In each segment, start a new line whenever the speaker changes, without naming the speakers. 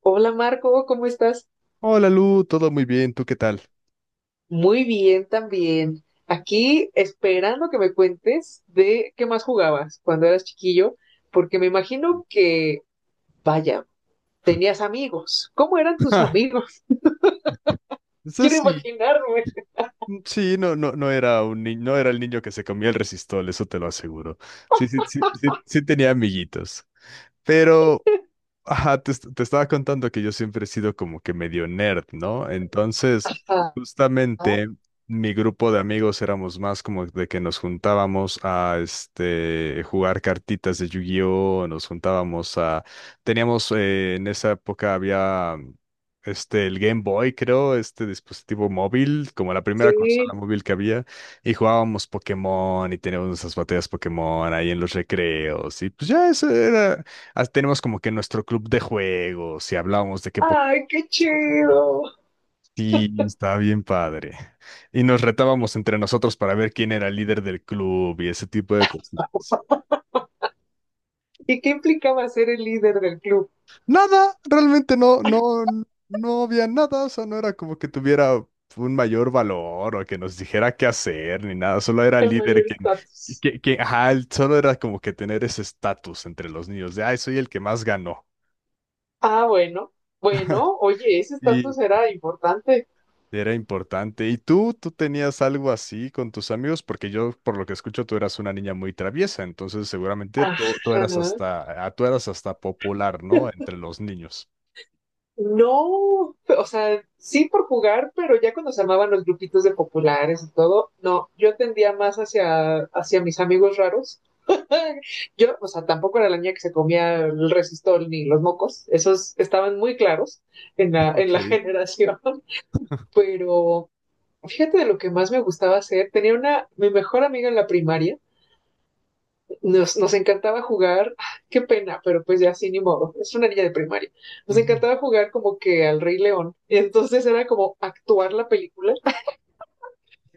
Hola Marco, ¿cómo estás?
Hola Lu, todo muy bien, ¿tú qué tal?
Muy bien también. Aquí esperando que me cuentes de qué más jugabas cuando eras chiquillo, porque me imagino que, vaya, tenías amigos. ¿Cómo eran tus
Ja,
amigos?
eso
Quiero
sí,
imaginarme.
mm, sí, no, no, no era un niño, no era el niño que se comía el resistol, eso te lo aseguro. Sí, sí, sí, sí, sí tenía amiguitos. Pero. Ajá, te estaba contando que yo siempre he sido como que medio nerd, ¿no? Entonces,
Ah,
justamente mi grupo de amigos éramos más como de que nos juntábamos a jugar cartitas de Yu-Gi-Oh, nos juntábamos a, teníamos en esa época había, este, el Game Boy, creo, este dispositivo móvil, como la primera consola
sí.
móvil que había, y jugábamos Pokémon y teníamos nuestras batallas Pokémon ahí en los recreos y pues ya eso era. Ah, tenemos como que nuestro club de juegos y hablamos de qué Pokémon.
Ay, qué chido.
Sí, estaba bien padre. Y nos retábamos entre nosotros para ver quién era el líder del club y ese tipo de cosas.
¿Y qué implicaba ser el líder del club?
Nada, realmente no, no, no había nada, o sea, no era como que tuviera un mayor valor o que nos dijera qué hacer ni nada, solo era el
El
líder
mayor
quien,
estatus.
que, ajá, solo era como que tener ese estatus entre los niños de, ay, soy el que más ganó.
Ah, bueno. Bueno, oye, ese estatus era importante.
Era importante. ¿Y tú tenías algo así con tus amigos? Porque yo, por lo que escucho, tú eras una niña muy traviesa, entonces seguramente tú
Ajá.
eras hasta, ah, tú eras hasta popular, ¿no? Entre los niños.
No, o sea, sí por jugar, pero ya cuando se armaban los grupitos de populares y todo, no, yo tendía más hacia mis amigos raros. Yo, o sea, tampoco era la niña que se comía el resistol ni los mocos, esos estaban muy claros en la,
Ok.
generación, pero fíjate de lo que más me gustaba hacer, tenía mi mejor amiga en la primaria, nos encantaba jugar, qué pena, pero pues ya sí, ni modo, es una niña de primaria. Nos
Ujú.
encantaba jugar como que al Rey León, entonces era como actuar la película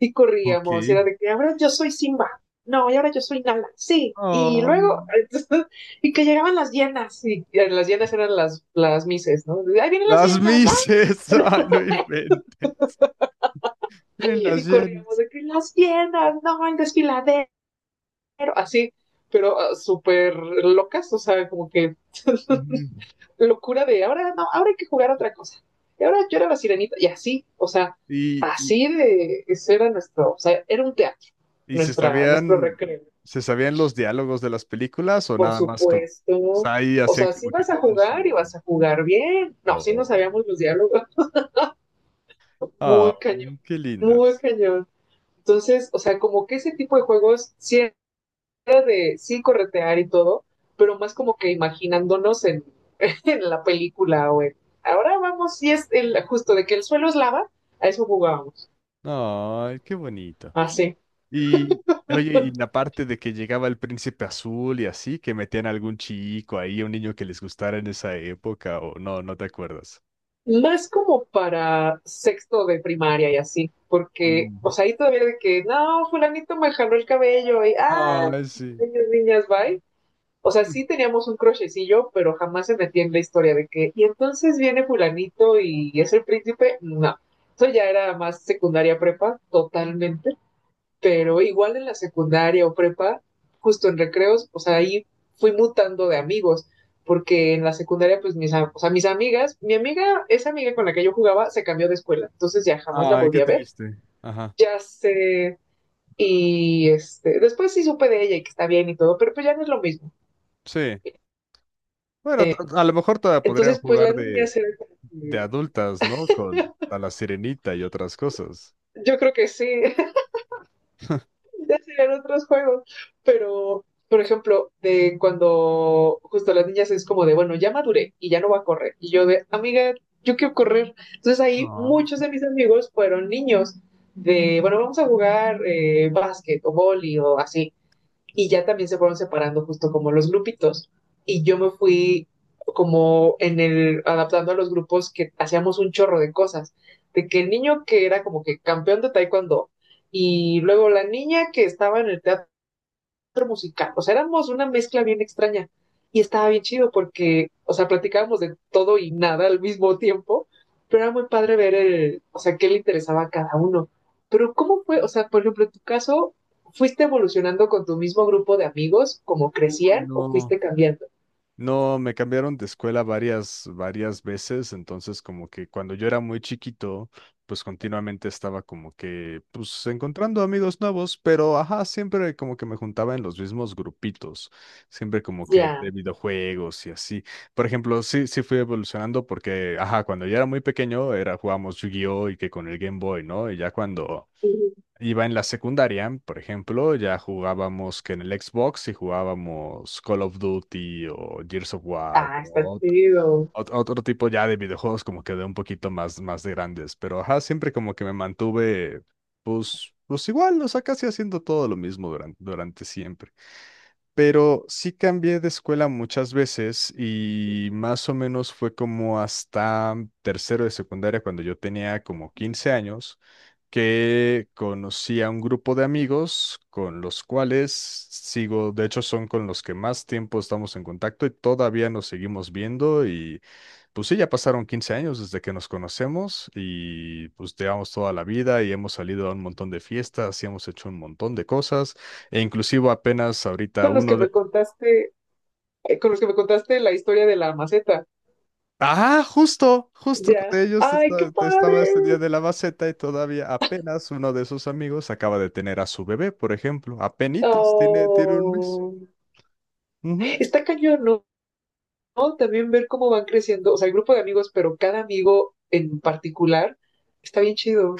y
Ok.
corríamos, y era de que ahora yo soy Simba, no, y ahora yo soy Nala, sí, y
Oh.
luego, entonces, y que llegaban las hienas, y las hienas eran las mises, ¿no? Ahí vienen las
Las
hienas, ¡ay!
mises, ay, no inventes. Tienen las
Y corríamos
llenas.
de que las hienas, no, el desfiladero, así, pero súper locas, o sea, como que
Ujú.
locura de ahora no, ahora hay que jugar otra cosa. Y ahora yo era la sirenita, y así, o sea,
¿Y, y,
así de eso era nuestro, o sea, era un teatro,
y se
nuestro
sabían,
recreo,
se sabían los diálogos de las películas o
por
nada más como, o
supuesto.
sea, ahí
O
hacían
sea, si
como que
vas a
todo el
jugar y
show?
vas a jugar bien. No, sí no
Oh.
sabíamos los diálogos.
Ah,
Muy cañón,
mm, qué
muy
lindas.
cañón. Entonces, o sea, como que ese tipo de juegos sí era de sí corretear y todo, pero más como que imaginándonos en, en la película, güey. Ahora vamos, y es justo de que el suelo es lava, a eso jugábamos,
Ay, qué bonito.
así.
Y, oye, y la parte de que llegaba el príncipe azul y así, que metían a algún chico ahí, un niño que les gustara en esa época, o no, no te acuerdas.
No es como para sexto de primaria y así, porque, o
Mm.
sea, ahí todavía de que, no, fulanito me jaló el cabello y, ah,
Ay, sí.
niños, niñas, bye. O sea,
Mm.
sí teníamos un crochecillo, pero jamás se metía en la historia de que, y entonces viene fulanito y es el príncipe, no. Eso ya era más secundaria prepa, totalmente. Pero igual en la secundaria o prepa, justo en recreos, o sea, ahí fui mutando de amigos, porque en la secundaria, pues mis, o sea, mis amigas, mi amiga, esa amiga con la que yo jugaba, se cambió de escuela, entonces ya jamás la
Ay, qué
volví a ver,
triste. Ajá.
ya sé, y este, después sí supe de ella y que está bien y todo, pero pues ya no es lo mismo.
Sí. Bueno, a lo mejor todavía podrían
Entonces, pues
jugar
las
de,
niñas eran como
de
que-
adultas, ¿no? Con a la sirenita y otras cosas.
yo creo que sí, ya serían otros juegos. Pero, por ejemplo, de cuando justo las niñas es como de, bueno, ya maduré y ya no va a correr. Y yo de, amiga, yo quiero correr. Entonces ahí
No.
muchos de mis amigos fueron niños de, bueno, vamos a jugar básquet o boli o así y ya también se fueron separando justo como los grupitos. Y yo me fui como en el adaptando a los grupos que hacíamos un chorro de cosas, de que el niño que era como que campeón de taekwondo y luego la niña que estaba en el teatro musical. O sea, éramos una mezcla bien extraña. Y estaba bien chido porque, o sea, platicábamos de todo y nada al mismo tiempo. Pero era muy padre ver, o sea, qué le interesaba a cada uno. Pero ¿cómo fue? O sea, por ejemplo, en tu caso, ¿fuiste evolucionando con tu mismo grupo de amigos como
Uy,
crecían o
no.
fuiste cambiando?
No, me cambiaron de escuela varias veces, entonces como que cuando yo era muy chiquito, pues continuamente estaba como que, pues encontrando amigos nuevos, pero ajá, siempre como que me juntaba en los mismos grupitos, siempre como que de
Ya.
videojuegos y así. Por ejemplo, sí, sí fui evolucionando porque, ajá, cuando yo era muy pequeño era jugábamos Yu-Gi-Oh y que con el Game Boy, ¿no? Y ya cuando
Ujú.
iba en la secundaria, por ejemplo, ya jugábamos que en el Xbox y jugábamos Call of Duty o Gears of War,
Ah, está
como
chido.
otro tipo ya de videojuegos como que de un poquito más, más de grandes. Pero ajá, siempre como que me mantuve, pues, pues igual, o sea, casi haciendo todo lo mismo durante siempre. Pero sí cambié de escuela muchas veces y más o menos fue como hasta tercero de secundaria cuando yo tenía como 15 años que conocí a un grupo de amigos con los cuales sigo, de hecho son con los que más tiempo estamos en contacto y todavía nos seguimos viendo y pues sí, ya pasaron 15 años desde que nos conocemos y pues llevamos toda la vida y hemos salido a un montón de fiestas y hemos hecho un montón de cosas e inclusive apenas ahorita
Con los que
uno.
me contaste, con los que me contaste la historia de la maceta.
Ah, justo
Ya.
de ellos
¡Ay, qué
estaba
padre!
este día de la maceta y todavía apenas uno de sus amigos acaba de tener a su bebé, por ejemplo. Apenitas, tiene un mes.
Oh.
Ujú.
Está cañón, ¿no? No, también ver cómo van creciendo, o sea, el grupo de amigos, pero cada amigo en particular está bien chido,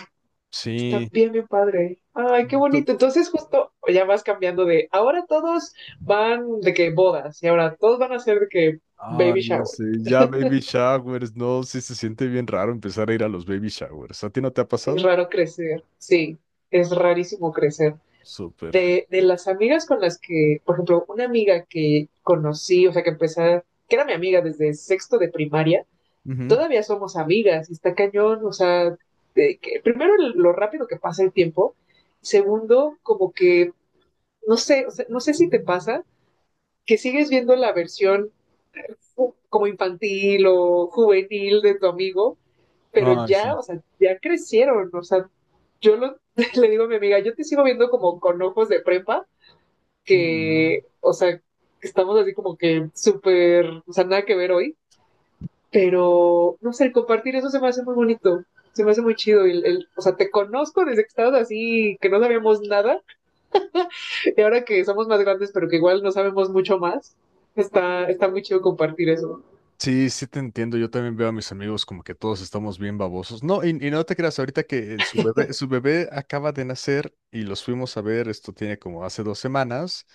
está
Sí.
bien, bien padre. Ay, qué
Tú-
bonito. Entonces, justo ya vas cambiando de ahora todos van de que bodas y ahora todos van a ser de que
Ah,
baby
ya
shower.
sé, ya baby showers, no, sí se siente bien raro empezar a ir a los baby showers. ¿A ti no te ha
Es
pasado?
raro crecer, sí, es rarísimo crecer.
Súper.
De las amigas con las que, por ejemplo, una amiga que conocí, o sea, que empecé, que era mi amiga desde sexto de primaria
Ujú.
todavía somos amigas y está cañón, o sea, de que, primero lo rápido que pasa el tiempo, segundo, como que, no sé, o sea, no sé si te pasa que sigues viendo la versión ju- como infantil o juvenil de tu amigo, pero
Ay,
ya,
sí.
o sea, ya crecieron, o sea, yo lo, le digo a mi amiga, yo te sigo viendo como con ojos de prepa,
Mm.
que, o sea, que estamos así como que súper, o sea, nada que ver hoy. Pero, no sé, el compartir eso se me hace muy bonito. Se me hace muy chido. El, o sea, te conozco desde que estabas así, que no sabíamos nada. Y ahora que somos más grandes, pero que igual no sabemos mucho más. Está muy chido compartir eso.
Sí, sí te entiendo. Yo también veo a mis amigos como que todos estamos bien babosos. No, y no te creas, ahorita que su bebé acaba de nacer y los fuimos a ver, esto tiene como hace 2 semanas.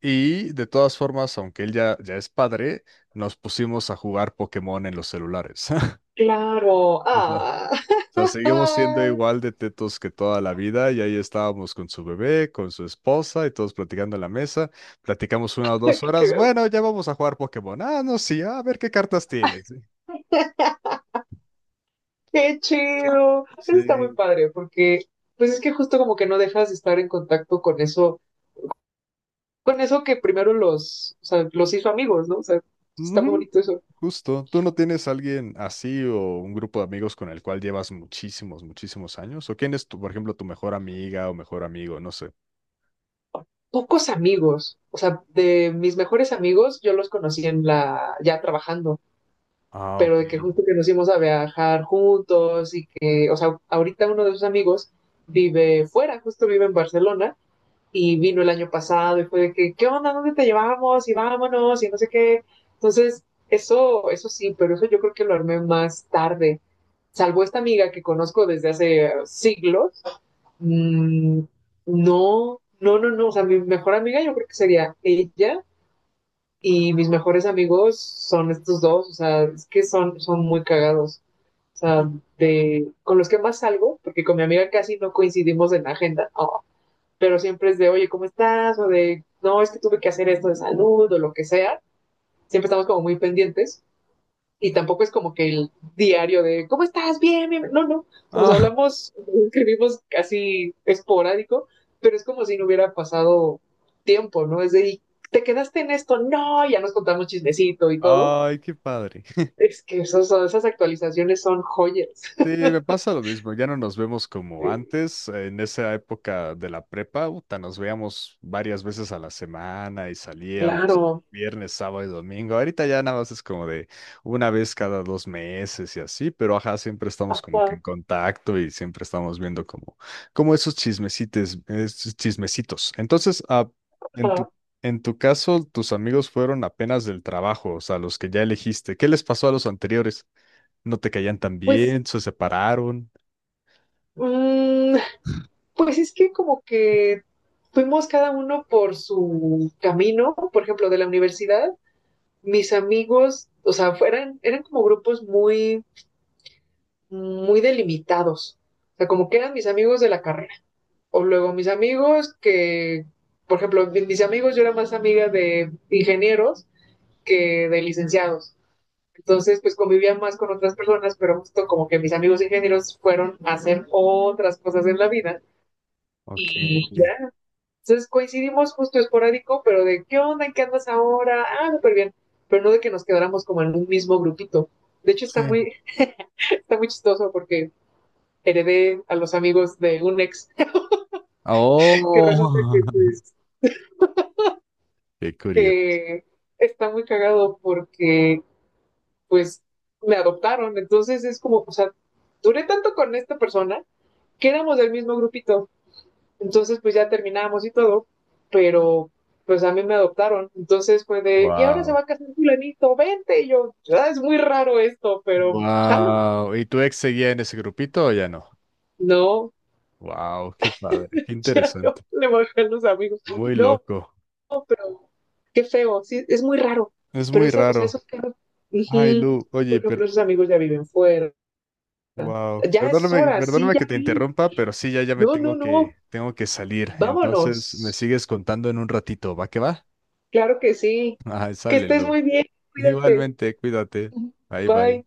Y de todas formas, aunque él ya, ya es padre, nos pusimos a jugar Pokémon en los celulares.
Claro.
O sea, o
Ah.
sea, seguimos siendo igual de tetos que toda la vida y ahí estábamos con su bebé, con su esposa y todos platicando en la mesa. Platicamos una o dos
Qué
horas. Bueno, ya vamos a jugar Pokémon. Ah, no, sí, a ver qué cartas tienes.
Qué chido. Eso está muy
Sí.
padre, porque pues es que justo como que no dejas de estar en contacto con eso que primero los, o sea, los hizo amigos, ¿no? O sea, está muy
Ujú.
bonito eso.
Justo. ¿Tú no tienes alguien así o un grupo de amigos con el cual llevas muchísimos, muchísimos años? ¿O quién es tu, por ejemplo, tu mejor amiga o mejor amigo? No sé.
Pocos amigos, o sea, de mis mejores amigos, yo los conocí en la, ya trabajando,
Ah,
pero
ok.
de que justo que nos íbamos a viajar juntos y que, o sea, ahorita uno de sus amigos vive fuera, justo vive en Barcelona y vino el año pasado y fue de que, ¿qué onda? ¿Dónde te llevamos? Y vámonos y no sé qué. Entonces, eso sí, pero eso yo creo que lo armé más tarde, salvo esta amiga que conozco desde hace siglos. Mm, no, no, no, no. O sea, mi mejor amiga yo creo que sería ella y mis mejores amigos son estos dos. O sea, es que son muy cagados. O sea, con los que más salgo, porque con mi amiga casi no coincidimos en la agenda, oh, pero siempre es de, oye, ¿cómo estás? O de, no, es que tuve que hacer esto de salud o lo que sea. Siempre estamos como muy pendientes y tampoco es como que el diario de ¿cómo estás? Bien, bien. No, no. Nos
Ah,
hablamos, escribimos casi esporádico, pero es como si no hubiera pasado tiempo, ¿no? Es de, ¿te quedaste en esto? No, ya nos contamos chismecito y todo.
ay, qué padre.
Es que esas actualizaciones son joyas.
Sí, me pasa lo mismo, ya no nos vemos como
Sí,
antes, en esa época de la prepa, puta, nos veíamos varias veces a la semana y salíamos
claro.
viernes, sábado y domingo, ahorita ya nada más es como de una vez cada 2 meses y así, pero ajá, siempre estamos como que en
Ajá,
contacto y siempre estamos viendo como, esos chismecites, esos chismecitos. Entonces, ah, en tu,
ajá.
en tu caso, tus amigos fueron apenas del trabajo, o sea, los que ya elegiste, ¿qué les pasó a los anteriores? No te caían tan
Pues,
bien, se separaron.
mmm, pues es que como que fuimos cada uno por su camino, por ejemplo, de la universidad, mis amigos, o sea, eran como grupos muy, muy delimitados. O sea, como que eran mis amigos de la carrera. O luego mis amigos que, por ejemplo, mis amigos, yo era más amiga de ingenieros que de licenciados. Entonces, pues convivía más con otras personas, pero justo como que mis amigos ingenieros fueron a hacer otras cosas en la vida
Ok.
y entonces coincidimos justo esporádico, pero de qué onda, en qué andas ahora, ah, súper bien, pero no de que nos quedáramos como en un mismo grupito. De hecho, está
Sí.
muy, está muy chistoso porque heredé a los amigos de un ex que resulta
Oh.
que pues
Qué curioso.
eh, está muy cagado porque pues me adoptaron. Entonces es como, o sea, duré tanto con esta persona que éramos del mismo grupito. Entonces, pues ya terminamos y todo, pero pues a mí me adoptaron. Entonces fue de, y ahora se va
Wow.
a casar fulanito, vente. Y yo, "Ah, es muy raro esto, pero jalo."
Wow. ¿Y tu ex seguía en ese grupito o ya no?
No,
Wow, qué padre, qué
ya
interesante.
no, le bajan los amigos.
Muy
No,
loco.
pero qué feo, sí, es muy raro.
Es
Pero
muy
eso, o sea,
raro.
esos casos,
Ay,
ujú,
Lu,
por
oye, pero
ejemplo, esos amigos ya viven fuera.
wow.
Ya es
Perdóname,
hora, sí,
perdóname
ya
que te
vi.
interrumpa, pero sí, ya, ya me
No, no,
tengo
no,
que, tengo que salir. Entonces, me
vámonos.
sigues contando en un ratito, ¿va que va?
Claro que sí.
Ay,
Que
sale,
estés
Lu.
muy bien, cuídate.
Igualmente, cuídate. Bye, bye.
Bye.